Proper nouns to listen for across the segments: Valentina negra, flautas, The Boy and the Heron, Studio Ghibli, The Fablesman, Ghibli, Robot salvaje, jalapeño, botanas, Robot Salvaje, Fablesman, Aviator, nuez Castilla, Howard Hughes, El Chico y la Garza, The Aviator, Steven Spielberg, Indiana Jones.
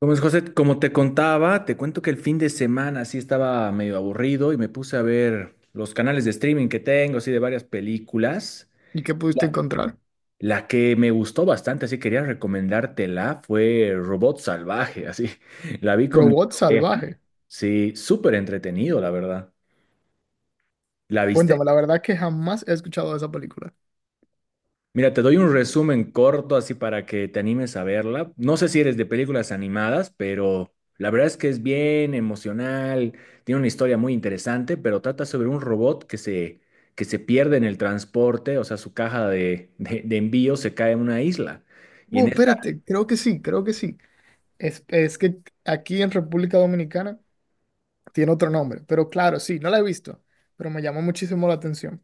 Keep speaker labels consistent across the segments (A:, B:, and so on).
A: Como es, José, como te contaba, te cuento que el fin de semana sí estaba medio aburrido y me puse a ver los canales de streaming que tengo, así de varias películas.
B: ¿Y qué pudiste
A: La,
B: encontrar?
A: la que me gustó bastante, así quería recomendártela, fue Robot Salvaje, así. La vi con mi
B: Robot
A: pareja,
B: salvaje.
A: sí, súper entretenido, la verdad. ¿La viste?
B: Cuéntame, la verdad es que jamás he escuchado de esa película.
A: Mira, te doy un resumen corto así para que te animes a verla. No sé si eres de películas animadas, pero la verdad es que es bien emocional, tiene una historia muy interesante, pero trata sobre un que se pierde en el transporte, o sea, su caja de envío se cae en una isla. Y
B: Oh,
A: en esta
B: espérate, creo que sí, creo que sí. Es que aquí en República Dominicana tiene otro nombre, pero claro, sí, no la he visto, pero me llamó muchísimo la atención.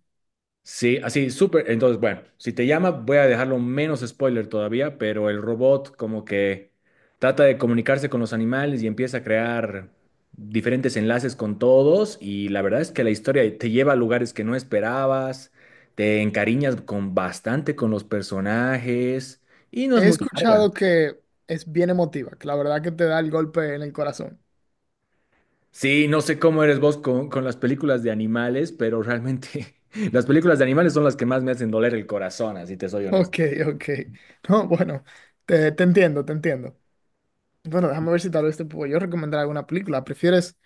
A: sí, así, súper. Entonces, bueno, si te llama, voy a dejarlo menos spoiler todavía, pero el robot como que trata de comunicarse con los animales y empieza a crear diferentes enlaces con todos y la verdad es que la historia te lleva a lugares que no esperabas, te encariñas con bastante con los personajes y no
B: He
A: es muy larga.
B: escuchado que es bien emotiva, que la verdad que te da el golpe en el corazón.
A: Sí, no sé cómo eres vos con las películas de animales, pero realmente las películas de animales son las que más me hacen doler el corazón, así te soy honesto.
B: Ok, ok. No, bueno, te entiendo, te entiendo. Bueno, déjame ver si tal vez te puedo yo recomendar alguna película. ¿Prefieres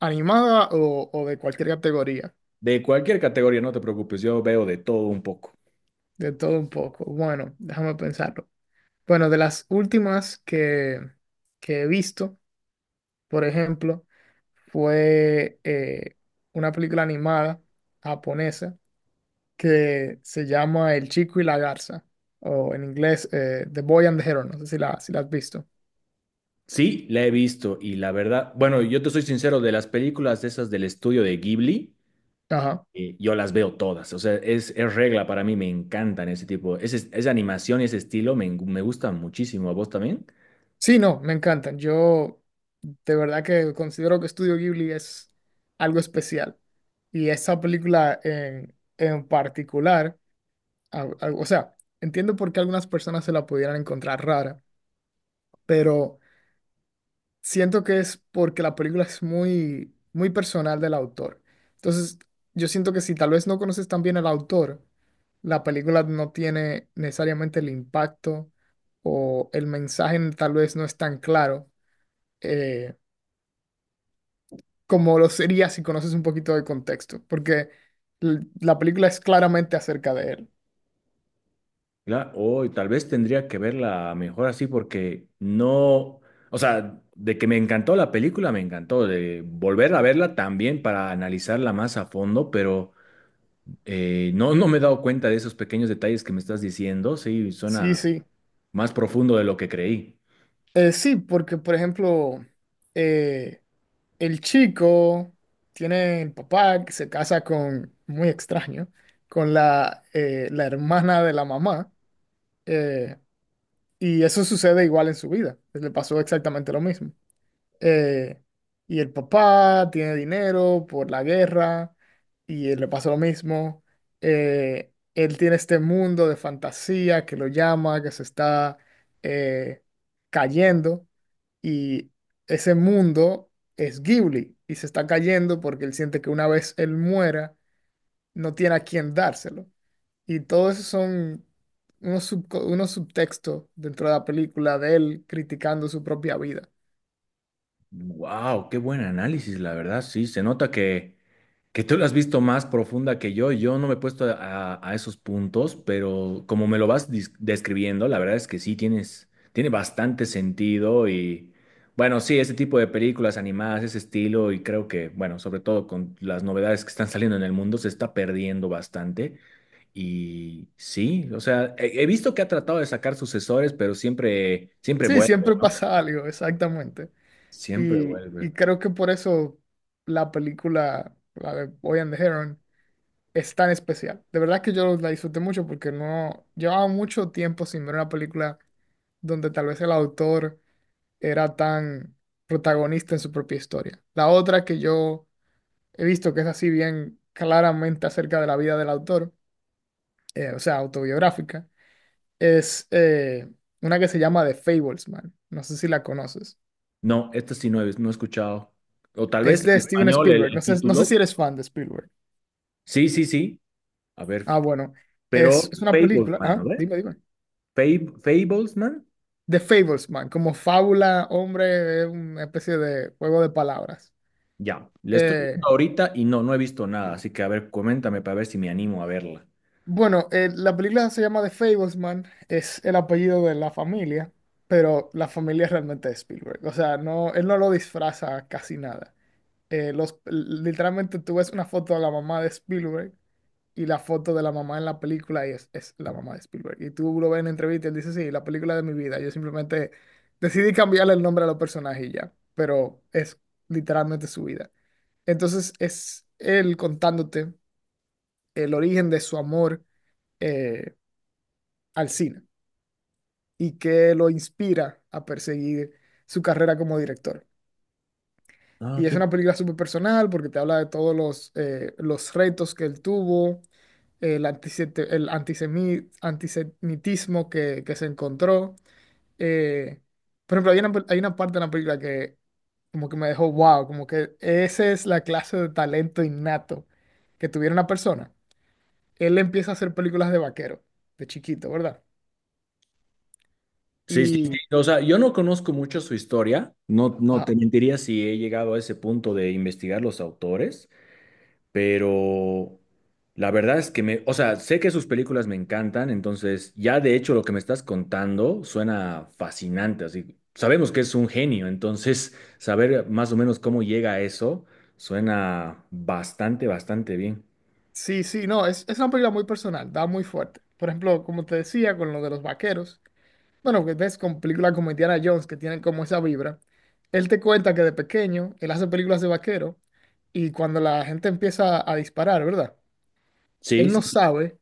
B: animada o de cualquier categoría?
A: De cualquier categoría, no te preocupes, yo veo de todo un poco.
B: De todo un poco. Bueno, déjame pensarlo. Bueno, de las últimas que he visto, por ejemplo, fue una película animada japonesa que se llama El Chico y la Garza, o en inglés The Boy and the Hero, no sé si la, si la has visto.
A: Sí, la he visto y la verdad, bueno, yo te soy sincero, de las películas de esas del estudio de Ghibli,
B: Ajá.
A: yo las veo todas, o sea, es regla para mí, me encantan ese tipo, ese, esa animación y ese estilo me, me gusta muchísimo, ¿a vos también?
B: Sí, no, me encantan. Yo de verdad que considero que Studio Ghibli es algo especial. Y esa película en particular o sea, entiendo por qué algunas personas se la pudieran encontrar rara, pero siento que es porque la película es muy, muy personal del autor. Entonces, yo siento que si tal vez no conoces tan bien al autor, la película no tiene necesariamente el impacto o el mensaje tal vez no es tan claro eh, como lo sería si conoces un poquito de contexto, porque la película es claramente acerca de él.
A: Claro, o tal vez tendría que verla mejor así porque no, o sea, de que me encantó la película, me encantó, de volver a verla también para analizarla más a fondo, pero... No, no me he dado cuenta de esos pequeños detalles que me estás diciendo. Sí,
B: Sí,
A: suena
B: sí.
A: más profundo de lo que creí.
B: Sí, porque por ejemplo, eh, el chico tiene el papá que se casa con, muy extraño, con la, la hermana de la mamá. eh, y eso sucede igual en su vida. Le pasó exactamente lo mismo eh, y el papá tiene dinero por la guerra y le pasa lo mismo. Él tiene este mundo de fantasía que lo llama, que se está eh, cayendo y ese mundo es Ghibli y se está cayendo porque él siente que una vez él muera no tiene a quién dárselo. Y todo eso son unos subtextos dentro de la película de él criticando su propia vida.
A: Wow, qué buen análisis, la verdad. Sí, se nota que tú lo has visto más profunda que yo no me he puesto a esos puntos, pero como me lo vas describiendo, la verdad es que sí, tienes, tiene bastante sentido y bueno, sí, ese tipo de películas animadas, ese estilo y creo que, bueno, sobre todo con las novedades que están saliendo en el mundo, se está perdiendo bastante y sí, o sea, he visto que ha tratado de sacar sucesores, pero siempre, siempre
B: Sí,
A: vuelve,
B: siempre
A: ¿no?
B: pasa algo, exactamente.
A: Siempre vuelve.
B: Y creo que por eso la película, la de Boy and the Heron, es tan especial. De verdad que yo la disfruté mucho porque no llevaba mucho tiempo sin ver una película donde tal vez el autor era tan protagonista en su propia historia. La otra que yo he visto que es así bien claramente acerca de la vida del autor, o sea, autobiográfica, es una que se llama The Fablesman. No sé si la conoces.
A: No, esta sí no he escuchado. O tal vez
B: Es
A: en
B: de Steven
A: español el
B: Spielberg. No
A: el
B: sé, no sé
A: título.
B: si eres fan de Spielberg.
A: Sí, sí, sí. A ver,
B: Ah, bueno.
A: pero
B: Es una película.
A: Fablesman, a
B: Ah,
A: ver.
B: dime, dime.
A: Fablesman,
B: The Fablesman, como fábula, hombre, es una especie de juego de palabras.
A: ya. Le estoy
B: Eh,
A: viendo ahorita y no, no he visto nada. Así que, a ver, coméntame para ver si me animo a verla.
B: bueno, la película se llama The Fablesman, es el apellido de la familia, pero la familia realmente es Spielberg. O sea, no, él no lo disfraza casi nada. Los, literalmente tú ves una foto de la mamá de Spielberg y la foto de la mamá en la película y es la mamá de Spielberg. Y tú lo ves en entrevista y él dice, sí, la película de mi vida. Yo simplemente decidí cambiarle el nombre a los personajes y ya, pero es literalmente su vida. Entonces es él contándote el origen de su amor eh, al cine y que lo inspira a perseguir su carrera como director.
A: Ah,
B: Y es
A: ok.
B: una película súper personal porque te habla de todos los retos que él tuvo el, antisete- el antisemi- antisemitismo que se encontró. Eh, por ejemplo, hay una parte de la película que como que me dejó wow, como que esa es la clase de talento innato que tuviera una persona. Él empieza a hacer películas de vaquero, de chiquito, ¿verdad?
A: Sí, sí, sí.
B: Y,
A: O sea, yo no conozco mucho su historia. No, no te
B: ajá,
A: mentiría si he llegado a ese punto de investigar los autores. Pero la verdad es que me, o sea, sé que sus películas me encantan, entonces ya de hecho lo que me estás contando suena fascinante, así sabemos que es un genio, entonces saber más o menos cómo llega a eso suena bastante, bastante bien.
B: sí, sí, no, es una película muy personal, da muy fuerte. Por ejemplo, como te decía, con lo de los vaqueros. Bueno, que ves con películas como Indiana Jones que tienen como esa vibra. Él te cuenta que de pequeño él hace películas de vaquero y cuando la gente empieza a disparar, ¿verdad?
A: Sí,
B: Él
A: sí,
B: no
A: sí.
B: sabe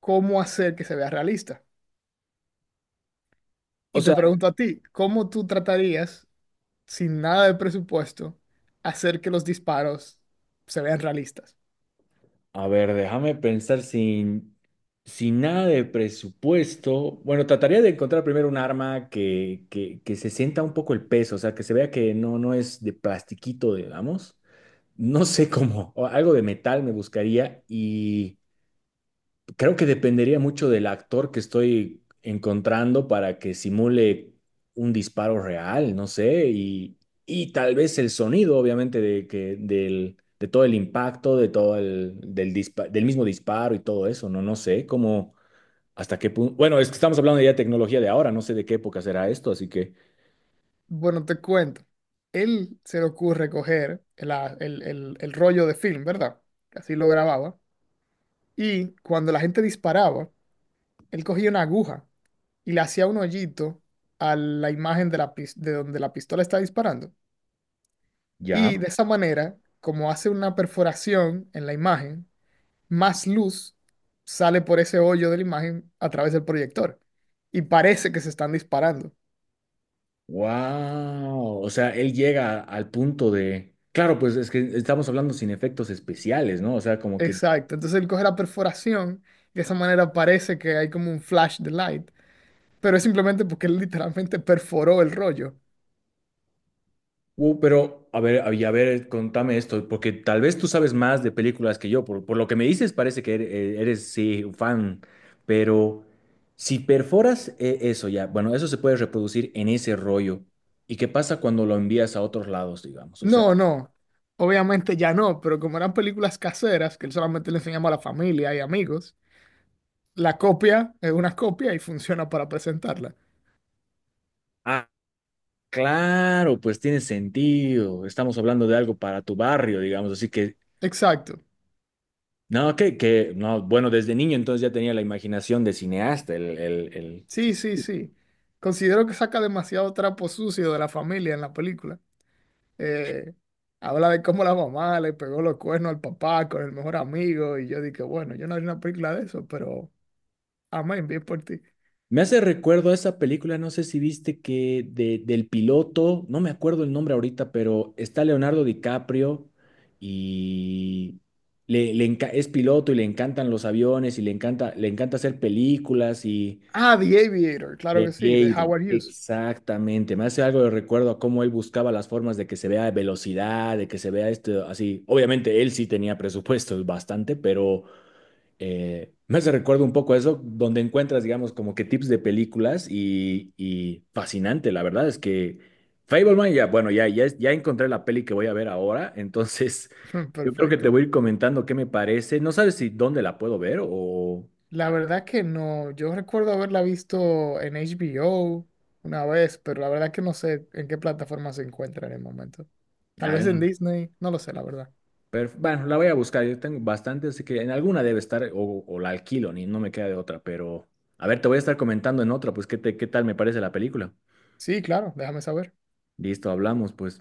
B: cómo hacer que se vea realista.
A: O
B: Y te
A: sea,
B: pregunto a ti, ¿cómo tú tratarías, sin nada de presupuesto, hacer que los disparos se vean realistas?
A: a ver, déjame pensar sin, sin nada de presupuesto. Bueno, trataría de encontrar primero un arma que se sienta un poco el peso, o sea, que se vea que no, no es de plastiquito, digamos. No sé cómo, o algo de metal me buscaría y creo que dependería mucho del actor que estoy encontrando para que simule un disparo real, no sé, y tal vez el sonido, obviamente, de todo el impacto, de todo del mismo disparo y todo eso, no, no sé cómo, hasta qué punto, bueno, es que estamos hablando ya de tecnología de ahora, no sé de qué época será esto, así que
B: Bueno, te cuento. Él se le ocurre coger el rollo de film, ¿verdad? Que así lo grababa. Y cuando la gente disparaba, él cogía una aguja y le hacía un hoyito a la imagen de, de donde la pistola está disparando. Y
A: ya.
B: de esa manera, como hace una perforación en la imagen, más luz sale por ese hoyo de la imagen a través del proyector. Y parece que se están disparando.
A: Wow, o sea, él llega al punto de, claro, pues es que estamos hablando sin efectos especiales, ¿no? O sea, como que,
B: Exacto. Entonces él coge la perforación y de esa manera parece que hay como un flash de light. Pero es simplemente porque él literalmente perforó el rollo.
A: pero a ver, y a ver, contame esto, porque tal vez tú sabes más de películas que yo, por lo que me dices parece que eres, eres, sí, un fan, pero si perforas eso ya, bueno, eso se puede reproducir en ese rollo. ¿Y qué pasa cuando lo envías a otros lados, digamos? O sea,
B: No, no. Obviamente ya no, pero como eran películas caseras, que él solamente le enseñaba a la familia y amigos, la copia es una copia y funciona para presentarla.
A: claro, pues tiene sentido, estamos hablando de algo para tu barrio, digamos, así que
B: Exacto.
A: no, no, bueno, desde niño entonces ya tenía la imaginación de cineasta. El...
B: Sí, sí, sí. Considero que saca demasiado trapo sucio de la familia en la película. Eh, Habla de cómo la mamá le pegó los cuernos al papá con el mejor amigo y yo dije, bueno, yo no haría una película de eso, pero amén, bien por ti.
A: Me hace recuerdo a esa película, no sé si viste que de, del piloto, no me acuerdo el nombre ahorita, pero está Leonardo DiCaprio y le, es piloto y le encantan los aviones y le encanta hacer películas y
B: Ah, The Aviator, claro que
A: de
B: sí, de
A: Aviator.
B: Howard Hughes.
A: Exactamente, me hace algo de recuerdo a cómo él buscaba las formas de que se vea velocidad, de que se vea esto así. Obviamente él sí tenía presupuestos bastante, pero eh, me hace recuerdo un poco a eso, donde encuentras, digamos, como que tips de películas y fascinante, la verdad es que Fableman, ya, bueno, ya, ya, ya encontré la peli que voy a ver ahora, entonces yo creo que te
B: Perfecto.
A: voy a ir comentando qué me parece. No sabes si dónde la puedo ver o...
B: La verdad que no, yo recuerdo haberla visto en HBO una vez, pero la verdad que no sé en qué plataforma se encuentra en el momento. Tal vez en
A: Ah,
B: Disney, no lo sé, la verdad.
A: pero, bueno, la voy a buscar, yo tengo bastante, así que en alguna debe estar o la alquilo, ni no me queda de otra, pero a ver, te voy a estar comentando en otra, pues qué, qué tal me parece la película.
B: Sí, claro, déjame saber.
A: Listo, hablamos, pues.